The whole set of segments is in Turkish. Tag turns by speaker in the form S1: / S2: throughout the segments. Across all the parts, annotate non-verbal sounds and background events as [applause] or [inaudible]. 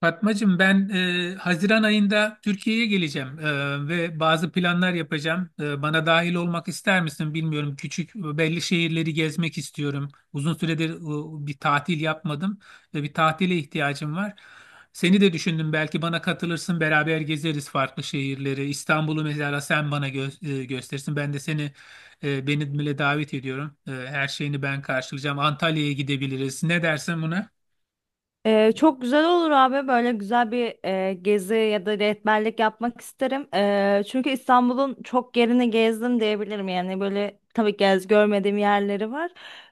S1: Fatmacığım ben Haziran ayında Türkiye'ye geleceğim ve bazı planlar yapacağım. Bana dahil olmak ister misin bilmiyorum. Küçük belli şehirleri gezmek istiyorum. Uzun süredir bir tatil yapmadım ve bir tatile ihtiyacım var. Seni de düşündüm, belki bana katılırsın, beraber gezeriz farklı şehirleri. İstanbul'u mesela sen bana gösterirsin. Ben de seni beni bile davet ediyorum. Her şeyini ben karşılayacağım. Antalya'ya gidebiliriz. Ne dersin buna?
S2: Çok güzel olur abi, böyle güzel bir gezi ya da rehberlik yapmak isterim. Çünkü İstanbul'un çok yerini gezdim diyebilirim, yani böyle tabii görmediğim yerleri var.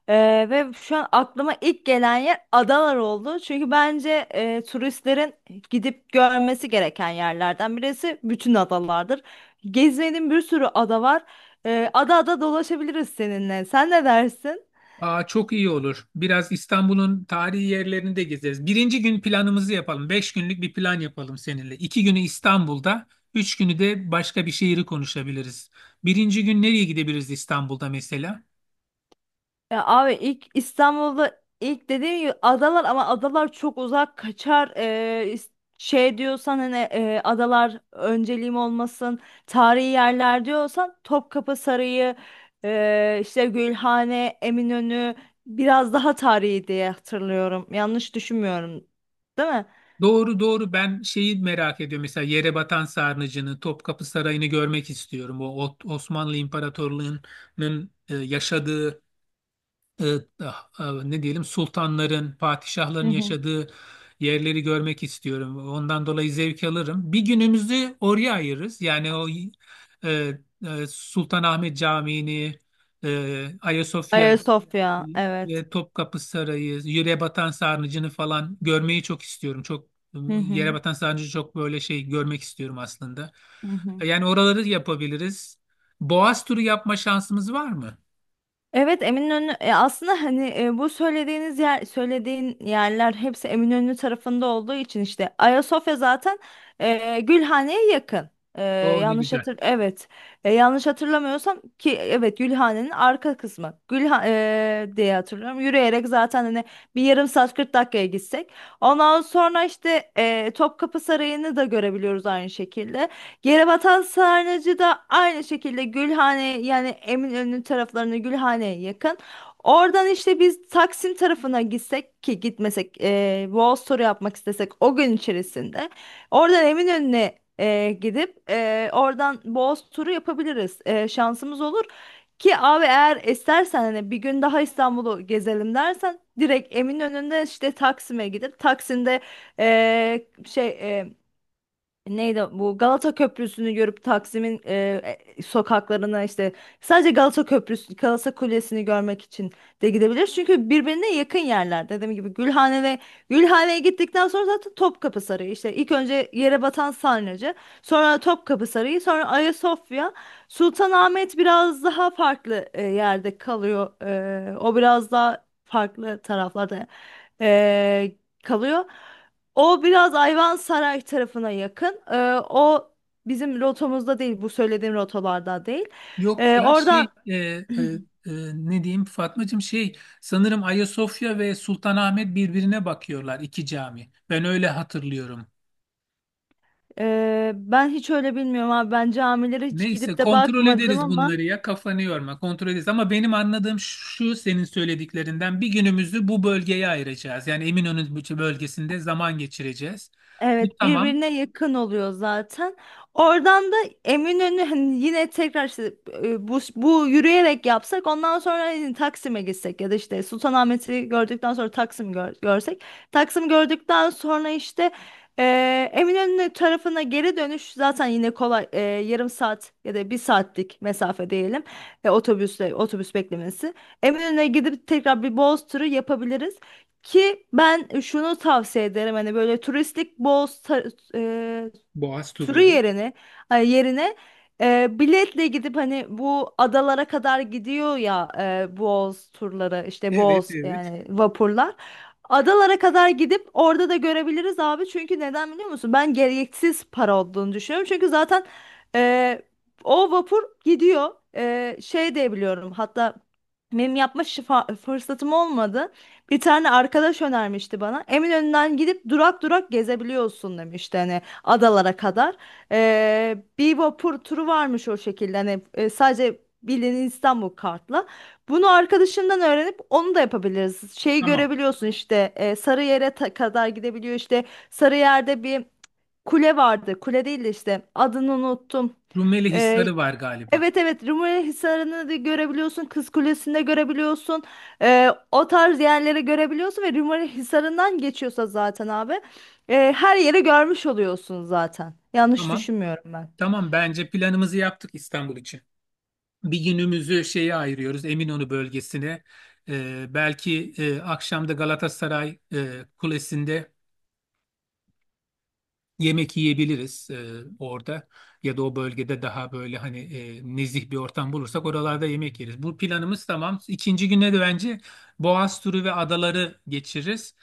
S2: Ve şu an aklıma ilk gelen yer adalar oldu. Çünkü bence turistlerin gidip görmesi gereken yerlerden birisi bütün adalardır. Gezmediğim bir sürü ada var. Ada ada dolaşabiliriz seninle. Sen ne dersin?
S1: Aa, çok iyi olur. Biraz İstanbul'un tarihi yerlerini de gezeriz. Birinci gün planımızı yapalım. Beş günlük bir plan yapalım seninle. İki günü İstanbul'da, üç günü de başka bir şehri konuşabiliriz. Birinci gün nereye gidebiliriz İstanbul'da mesela?
S2: Ya abi, ilk İstanbul'da, ilk dediğim gibi adalar, ama adalar çok uzak kaçar. Şey diyorsan, hani adalar önceliğim olmasın, tarihi yerler diyorsan Topkapı Sarayı, işte Gülhane, Eminönü biraz daha tarihi diye hatırlıyorum. Yanlış düşünmüyorum değil mi?
S1: Doğru, ben şeyi merak ediyorum. Mesela Yerebatan Sarnıcı'nı, Topkapı Sarayı'nı görmek istiyorum. Osmanlı İmparatorluğu'nun yaşadığı e, ah, ah, ne diyelim sultanların,
S2: Hı
S1: padişahların
S2: hı.
S1: yaşadığı yerleri görmek istiyorum. Ondan dolayı zevk alırım. Bir günümüzü oraya ayırırız. Yani o e, Sultanahmet Camii'ni, Ayasofya
S2: Ayasofya, evet.
S1: ve Topkapı Sarayı, yere batan sarnıcını falan görmeyi çok istiyorum. Çok
S2: Hı hı.
S1: yere batan sarnıcı çok böyle şey görmek istiyorum aslında.
S2: Hı hı.
S1: Yani oraları yapabiliriz. Boğaz turu yapma şansımız var mı?
S2: Evet, Eminönü aslında hani bu söylediğin yerler hepsi Eminönü tarafında olduğu için, işte Ayasofya zaten Gülhane'ye yakın. E,
S1: Oo, ne
S2: yanlış
S1: güzel.
S2: hatır evet. Yanlış hatırlamıyorsam, ki evet, Gülhane'nin arka kısmı diye hatırlıyorum, yürüyerek zaten hani bir yarım saat 40 dakikaya gitsek, ondan sonra işte Topkapı Sarayı'nı da görebiliyoruz aynı şekilde. Yere batan sarnıcı da aynı şekilde Gülhane, yani Eminönü taraflarına, Gülhane'ye yakın. Oradan işte biz Taksim tarafına gitsek ki gitmesek, Boğaz turu yapmak istesek o gün içerisinde. Oradan Eminönü'ne gidip oradan Boğaz turu yapabiliriz. Şansımız olur. Ki abi, eğer istersen hani bir gün daha İstanbul'u gezelim dersen, direkt Eminönü'nde işte Taksim'e gidip, Taksim'de e, şey e, neydi bu, Galata Köprüsü'nü görüp Taksim'in sokaklarına, işte sadece Galata Köprüsü, Galata Kulesi'ni görmek için de gidebilir. Çünkü birbirine yakın yerler. Dediğim gibi Gülhane ve Gülhane'ye gittikten sonra zaten Topkapı Sarayı, işte ilk önce Yere Batan Sarnıcı, sonra Topkapı Sarayı, sonra Ayasofya. Sultanahmet biraz daha farklı yerde kalıyor. O biraz daha farklı taraflarda e, kalıyor. O biraz Ayvansaray tarafına yakın. O bizim rotamızda değil, bu söylediğim rotalarda değil.
S1: Yok ya
S2: Oradan
S1: e, ne diyeyim Fatmacığım, şey, sanırım Ayasofya ve Sultanahmet birbirine bakıyorlar, iki cami. Ben öyle hatırlıyorum.
S2: ben hiç öyle bilmiyorum abi. Ben camilere hiç
S1: Neyse,
S2: gidip de
S1: kontrol
S2: bakmadım
S1: ederiz
S2: ama.
S1: bunları, ya kafanı yorma, kontrol ederiz. Ama benim anladığım şu senin söylediklerinden: bir günümüzü bu bölgeye ayıracağız. Yani Eminönü bölgesinde zaman geçireceğiz. Bu
S2: Evet,
S1: tamam.
S2: birbirine yakın oluyor zaten. Oradan da Eminönü, hani yine tekrar işte bu yürüyerek yapsak, ondan sonra hani Taksim'e gitsek ya da işte Sultanahmet'i gördükten sonra görsek. Taksim gördükten sonra işte e, Eminönü tarafına geri dönüş zaten yine kolay, yarım saat ya da bir saatlik mesafe diyelim, otobüsle, otobüs beklemesi. Eminönü'ne gidip tekrar bir Boğaz turu yapabiliriz. Ki ben şunu tavsiye ederim, hani böyle turistik bol
S1: Boğaz
S2: turu
S1: turları.
S2: yerine, ay, yerine biletle gidip, hani bu adalara kadar gidiyor ya, Boğaz turları işte,
S1: Evet,
S2: Boğaz
S1: evet.
S2: yani vapurlar. Adalara kadar gidip orada da görebiliriz abi. Çünkü neden biliyor musun? Ben gereksiz para olduğunu düşünüyorum. Çünkü zaten e, o vapur gidiyor. E, şey de biliyorum hatta, benim fırsatım olmadı. Bir tane arkadaş önermişti bana. Eminönü'nden gidip durak durak gezebiliyorsun demişti. Hani adalara kadar. Bir vapur turu varmış o şekilde. Hani sadece bildiğin İstanbul kartla. Bunu arkadaşından öğrenip onu da yapabiliriz. Şeyi
S1: Tamam.
S2: görebiliyorsun işte, Sarıyer'e kadar gidebiliyor işte, Sarıyer'de bir kule vardı. Kule değil de işte, adını unuttum.
S1: Rumeli
S2: Ee,
S1: Hisarı var galiba.
S2: Evet evet, Rumeli Hisarı'nı da görebiliyorsun, Kız Kulesi'ni de görebiliyorsun. O tarz yerleri görebiliyorsun ve Rumeli Hisarı'ndan geçiyorsa zaten abi, her yeri görmüş oluyorsun zaten. Yanlış
S1: Tamam.
S2: düşünmüyorum ben.
S1: Tamam, bence planımızı yaptık İstanbul için. Bir günümüzü şeye ayırıyoruz, Eminönü bölgesine. Belki akşam da Galatasaray Kulesi'nde yemek yiyebiliriz orada, ya da o bölgede daha böyle hani nezih bir ortam bulursak oralarda yemek yeriz. Bu planımız tamam. İkinci güne de bence Boğaz turu ve adaları geçiririz.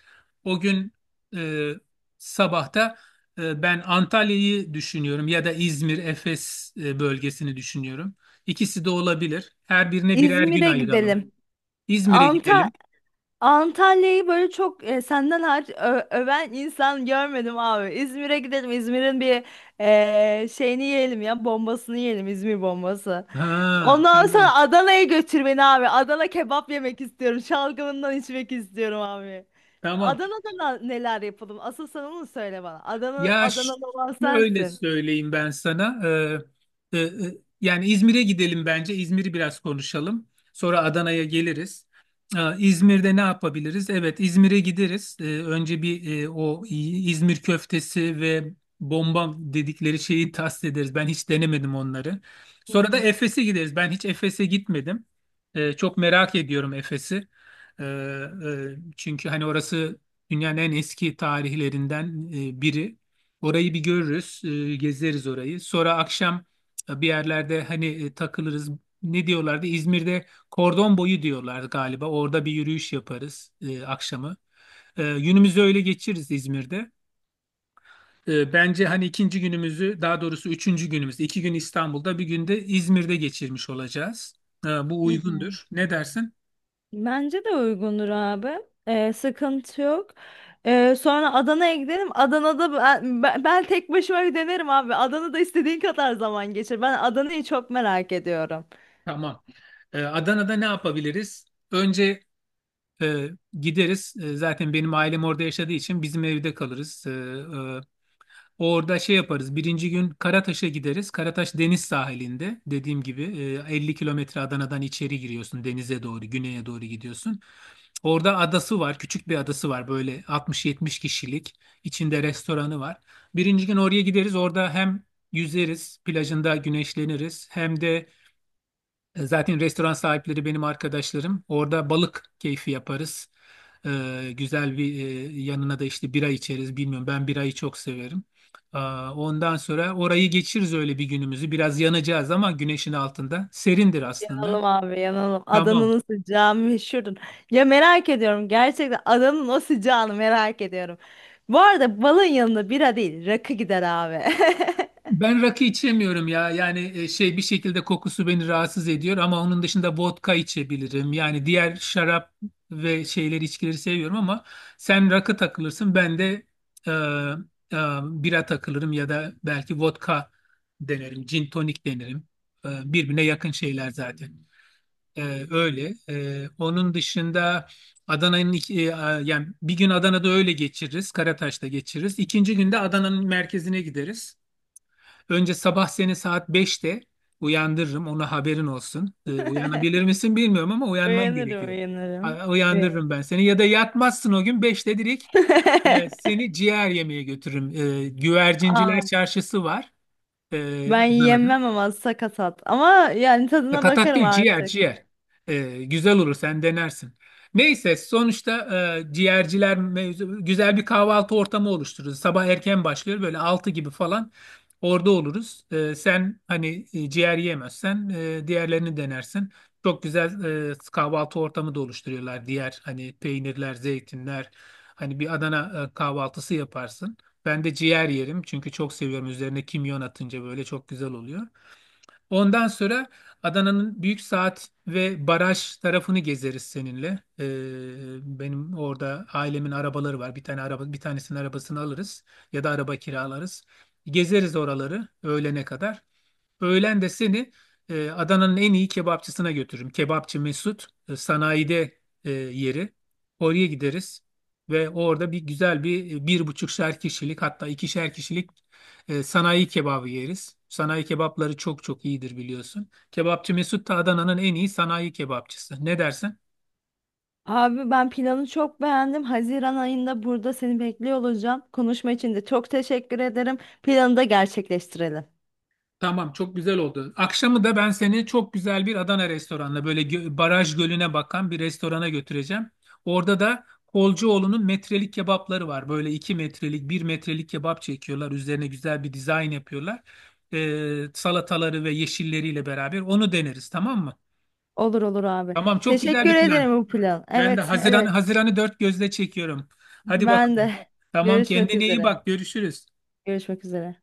S1: O gün e, sabahta ben Antalya'yı düşünüyorum ya da İzmir, Efes bölgesini düşünüyorum. İkisi de olabilir. Her birine birer gün
S2: İzmir'e
S1: ayıralım.
S2: gidelim.
S1: İzmir'e
S2: Anta
S1: gidelim.
S2: Antalya'yı böyle çok senden hariç öven insan görmedim abi. İzmir'e gidelim. İzmir'in bir şeyini yiyelim, ya bombasını yiyelim, İzmir bombası.
S1: Ha,
S2: Ondan
S1: tamam.
S2: sonra Adana'ya götür beni abi. Adana kebap yemek istiyorum. Şalgamından içmek istiyorum abi.
S1: Tamam.
S2: Adana'da neler yapalım? Asıl sen onu söyle bana. Adana,
S1: Ya ş-
S2: Adanalı olan
S1: Şöyle
S2: sensin.
S1: söyleyeyim ben sana. Ee, e, e, Yani İzmir'e gidelim bence. İzmir'i biraz konuşalım. Sonra Adana'ya geliriz. İzmir'de ne yapabiliriz? Evet, İzmir'e gideriz. Önce bir o İzmir köftesi ve bomba dedikleri şeyi tast ederiz. Ben hiç denemedim onları.
S2: Hı
S1: Sonra da
S2: hı.
S1: Efes'e gideriz. Ben hiç Efes'e gitmedim. Çok merak ediyorum Efes'i. Çünkü hani orası dünyanın en eski tarihlerinden biri. Orayı bir görürüz, gezeriz orayı. Sonra akşam bir yerlerde hani takılırız. Ne diyorlardı? İzmir'de kordon boyu diyorlar galiba. Orada bir yürüyüş yaparız akşamı. Günümüzü öyle geçiririz İzmir'de. Bence hani ikinci günümüzü, daha doğrusu üçüncü günümüz, iki gün İstanbul'da, bir gün de İzmir'de geçirmiş olacağız. Bu
S2: Hı hı.
S1: uygundur. Ne dersin?
S2: Bence de uygundur abi. Sıkıntı yok. Sonra Adana'ya gidelim. Adana'da ben tek başıma bir denerim abi. Adana'da istediğin kadar zaman geçir. Ben Adana'yı çok merak ediyorum.
S1: Tamam. Adana'da ne yapabiliriz? Önce E, gideriz. E, zaten benim ailem orada yaşadığı için bizim evde kalırız. Orada şey yaparız. Birinci gün Karataş'a gideriz. Karataş deniz sahilinde. Dediğim gibi 50 kilometre Adana'dan içeri giriyorsun. Denize doğru, güneye doğru gidiyorsun. Orada adası var. Küçük bir adası var. Böyle 60-70 kişilik. İçinde restoranı var. Birinci gün oraya gideriz. Orada hem yüzeriz, plajında güneşleniriz. Hem de zaten restoran sahipleri benim arkadaşlarım. Orada balık keyfi yaparız. Güzel bir yanına da işte bira içeriz. Bilmiyorum, ben birayı çok severim. Aa, ondan sonra orayı geçiririz öyle, bir günümüzü. Biraz yanacağız ama güneşin altında. Serindir aslında.
S2: Yanalım abi, yanalım.
S1: Tamam.
S2: Adana'nın sıcağı meşhurdur. Ya merak ediyorum, gerçekten Adana'nın o sıcağını merak ediyorum. Bu arada balın yanında bira değil, rakı gider abi.
S1: Ben rakı içemiyorum ya. Yani şey, bir şekilde kokusu beni rahatsız ediyor, ama onun dışında vodka içebilirim. Yani diğer şarap ve şeyleri, içkileri seviyorum, ama sen rakı takılırsın, ben de e, e, bira takılırım ya da belki vodka denerim, gin tonik denerim. Birbirine yakın şeyler zaten. E, öyle. Onun dışında Adana'nın iki- e, a- yani bir gün Adana'da öyle geçiririz, Karataş'ta geçiririz. İkinci günde Adana'nın merkezine gideriz. Önce sabah seni saat 5'te uyandırırım. Ona haberin olsun. Uyanabilir
S2: [laughs]
S1: misin bilmiyorum ama uyanman
S2: Uyanırım,
S1: gerekiyor.
S2: uyanırım. Uyan.
S1: Uyandırırım ben seni. Ya da yatmazsın o gün, 5'te direkt
S2: [laughs]
S1: seni ciğer yemeye götürürüm. Güvercinciler
S2: Aa,
S1: çarşısı var
S2: ben
S1: Adana'da.
S2: yemem ama sakatat. Ama yani tadına
S1: Sakatat
S2: bakarım
S1: değil, ciğer
S2: artık.
S1: ciğer. Güzel olur, sen denersin. Neyse, sonuçta ciğerciler mevzu, güzel bir kahvaltı ortamı oluştururuz. Sabah erken başlıyor, böyle 6 gibi falan orada oluruz. Sen hani ciğer yiyemezsen diğerlerini denersin. Çok güzel kahvaltı ortamı da oluşturuyorlar. Diğer hani peynirler, zeytinler, hani bir Adana kahvaltısı yaparsın. Ben de ciğer yerim çünkü çok seviyorum. Üzerine kimyon atınca böyle çok güzel oluyor. Ondan sonra Adana'nın Büyük Saat ve Baraj tarafını gezeriz seninle. Benim orada ailemin arabaları var. Bir tane araba, bir tanesinin arabasını alırız ya da araba kiralarız. Gezeriz oraları öğlene kadar. Öğlen de seni Adana'nın en iyi kebapçısına götürürüm. Kebapçı Mesut, sanayide yeri. Oraya gideriz ve orada güzel bir bir buçukşer kişilik, hatta ikişer kişilik sanayi kebabı yeriz. Sanayi kebapları çok çok iyidir biliyorsun. Kebapçı Mesut da Adana'nın en iyi sanayi kebapçısı. Ne dersin?
S2: Abi ben planı çok beğendim. Haziran ayında burada seni bekliyor olacağım. Konuşma için de çok teşekkür ederim. Planı da gerçekleştirelim.
S1: Tamam, çok güzel oldu. Akşamı da ben seni çok güzel bir Adana restoranına, böyle baraj gölüne bakan bir restorana götüreceğim. Orada da Kolcuoğlu'nun metrelik kebapları var. Böyle iki metrelik, bir metrelik kebap çekiyorlar. Üzerine güzel bir dizayn yapıyorlar. Salataları ve yeşilleriyle beraber onu deneriz, tamam mı?
S2: Olur olur abi.
S1: Tamam, çok güzel
S2: Teşekkür
S1: bir plan.
S2: ederim bu plan.
S1: Ben de
S2: Evet, evet.
S1: Haziran'ı dört gözle çekiyorum. Hadi
S2: Ben
S1: bakalım.
S2: de.
S1: Tamam,
S2: Görüşmek
S1: kendine iyi
S2: üzere.
S1: bak, görüşürüz.
S2: Görüşmek üzere.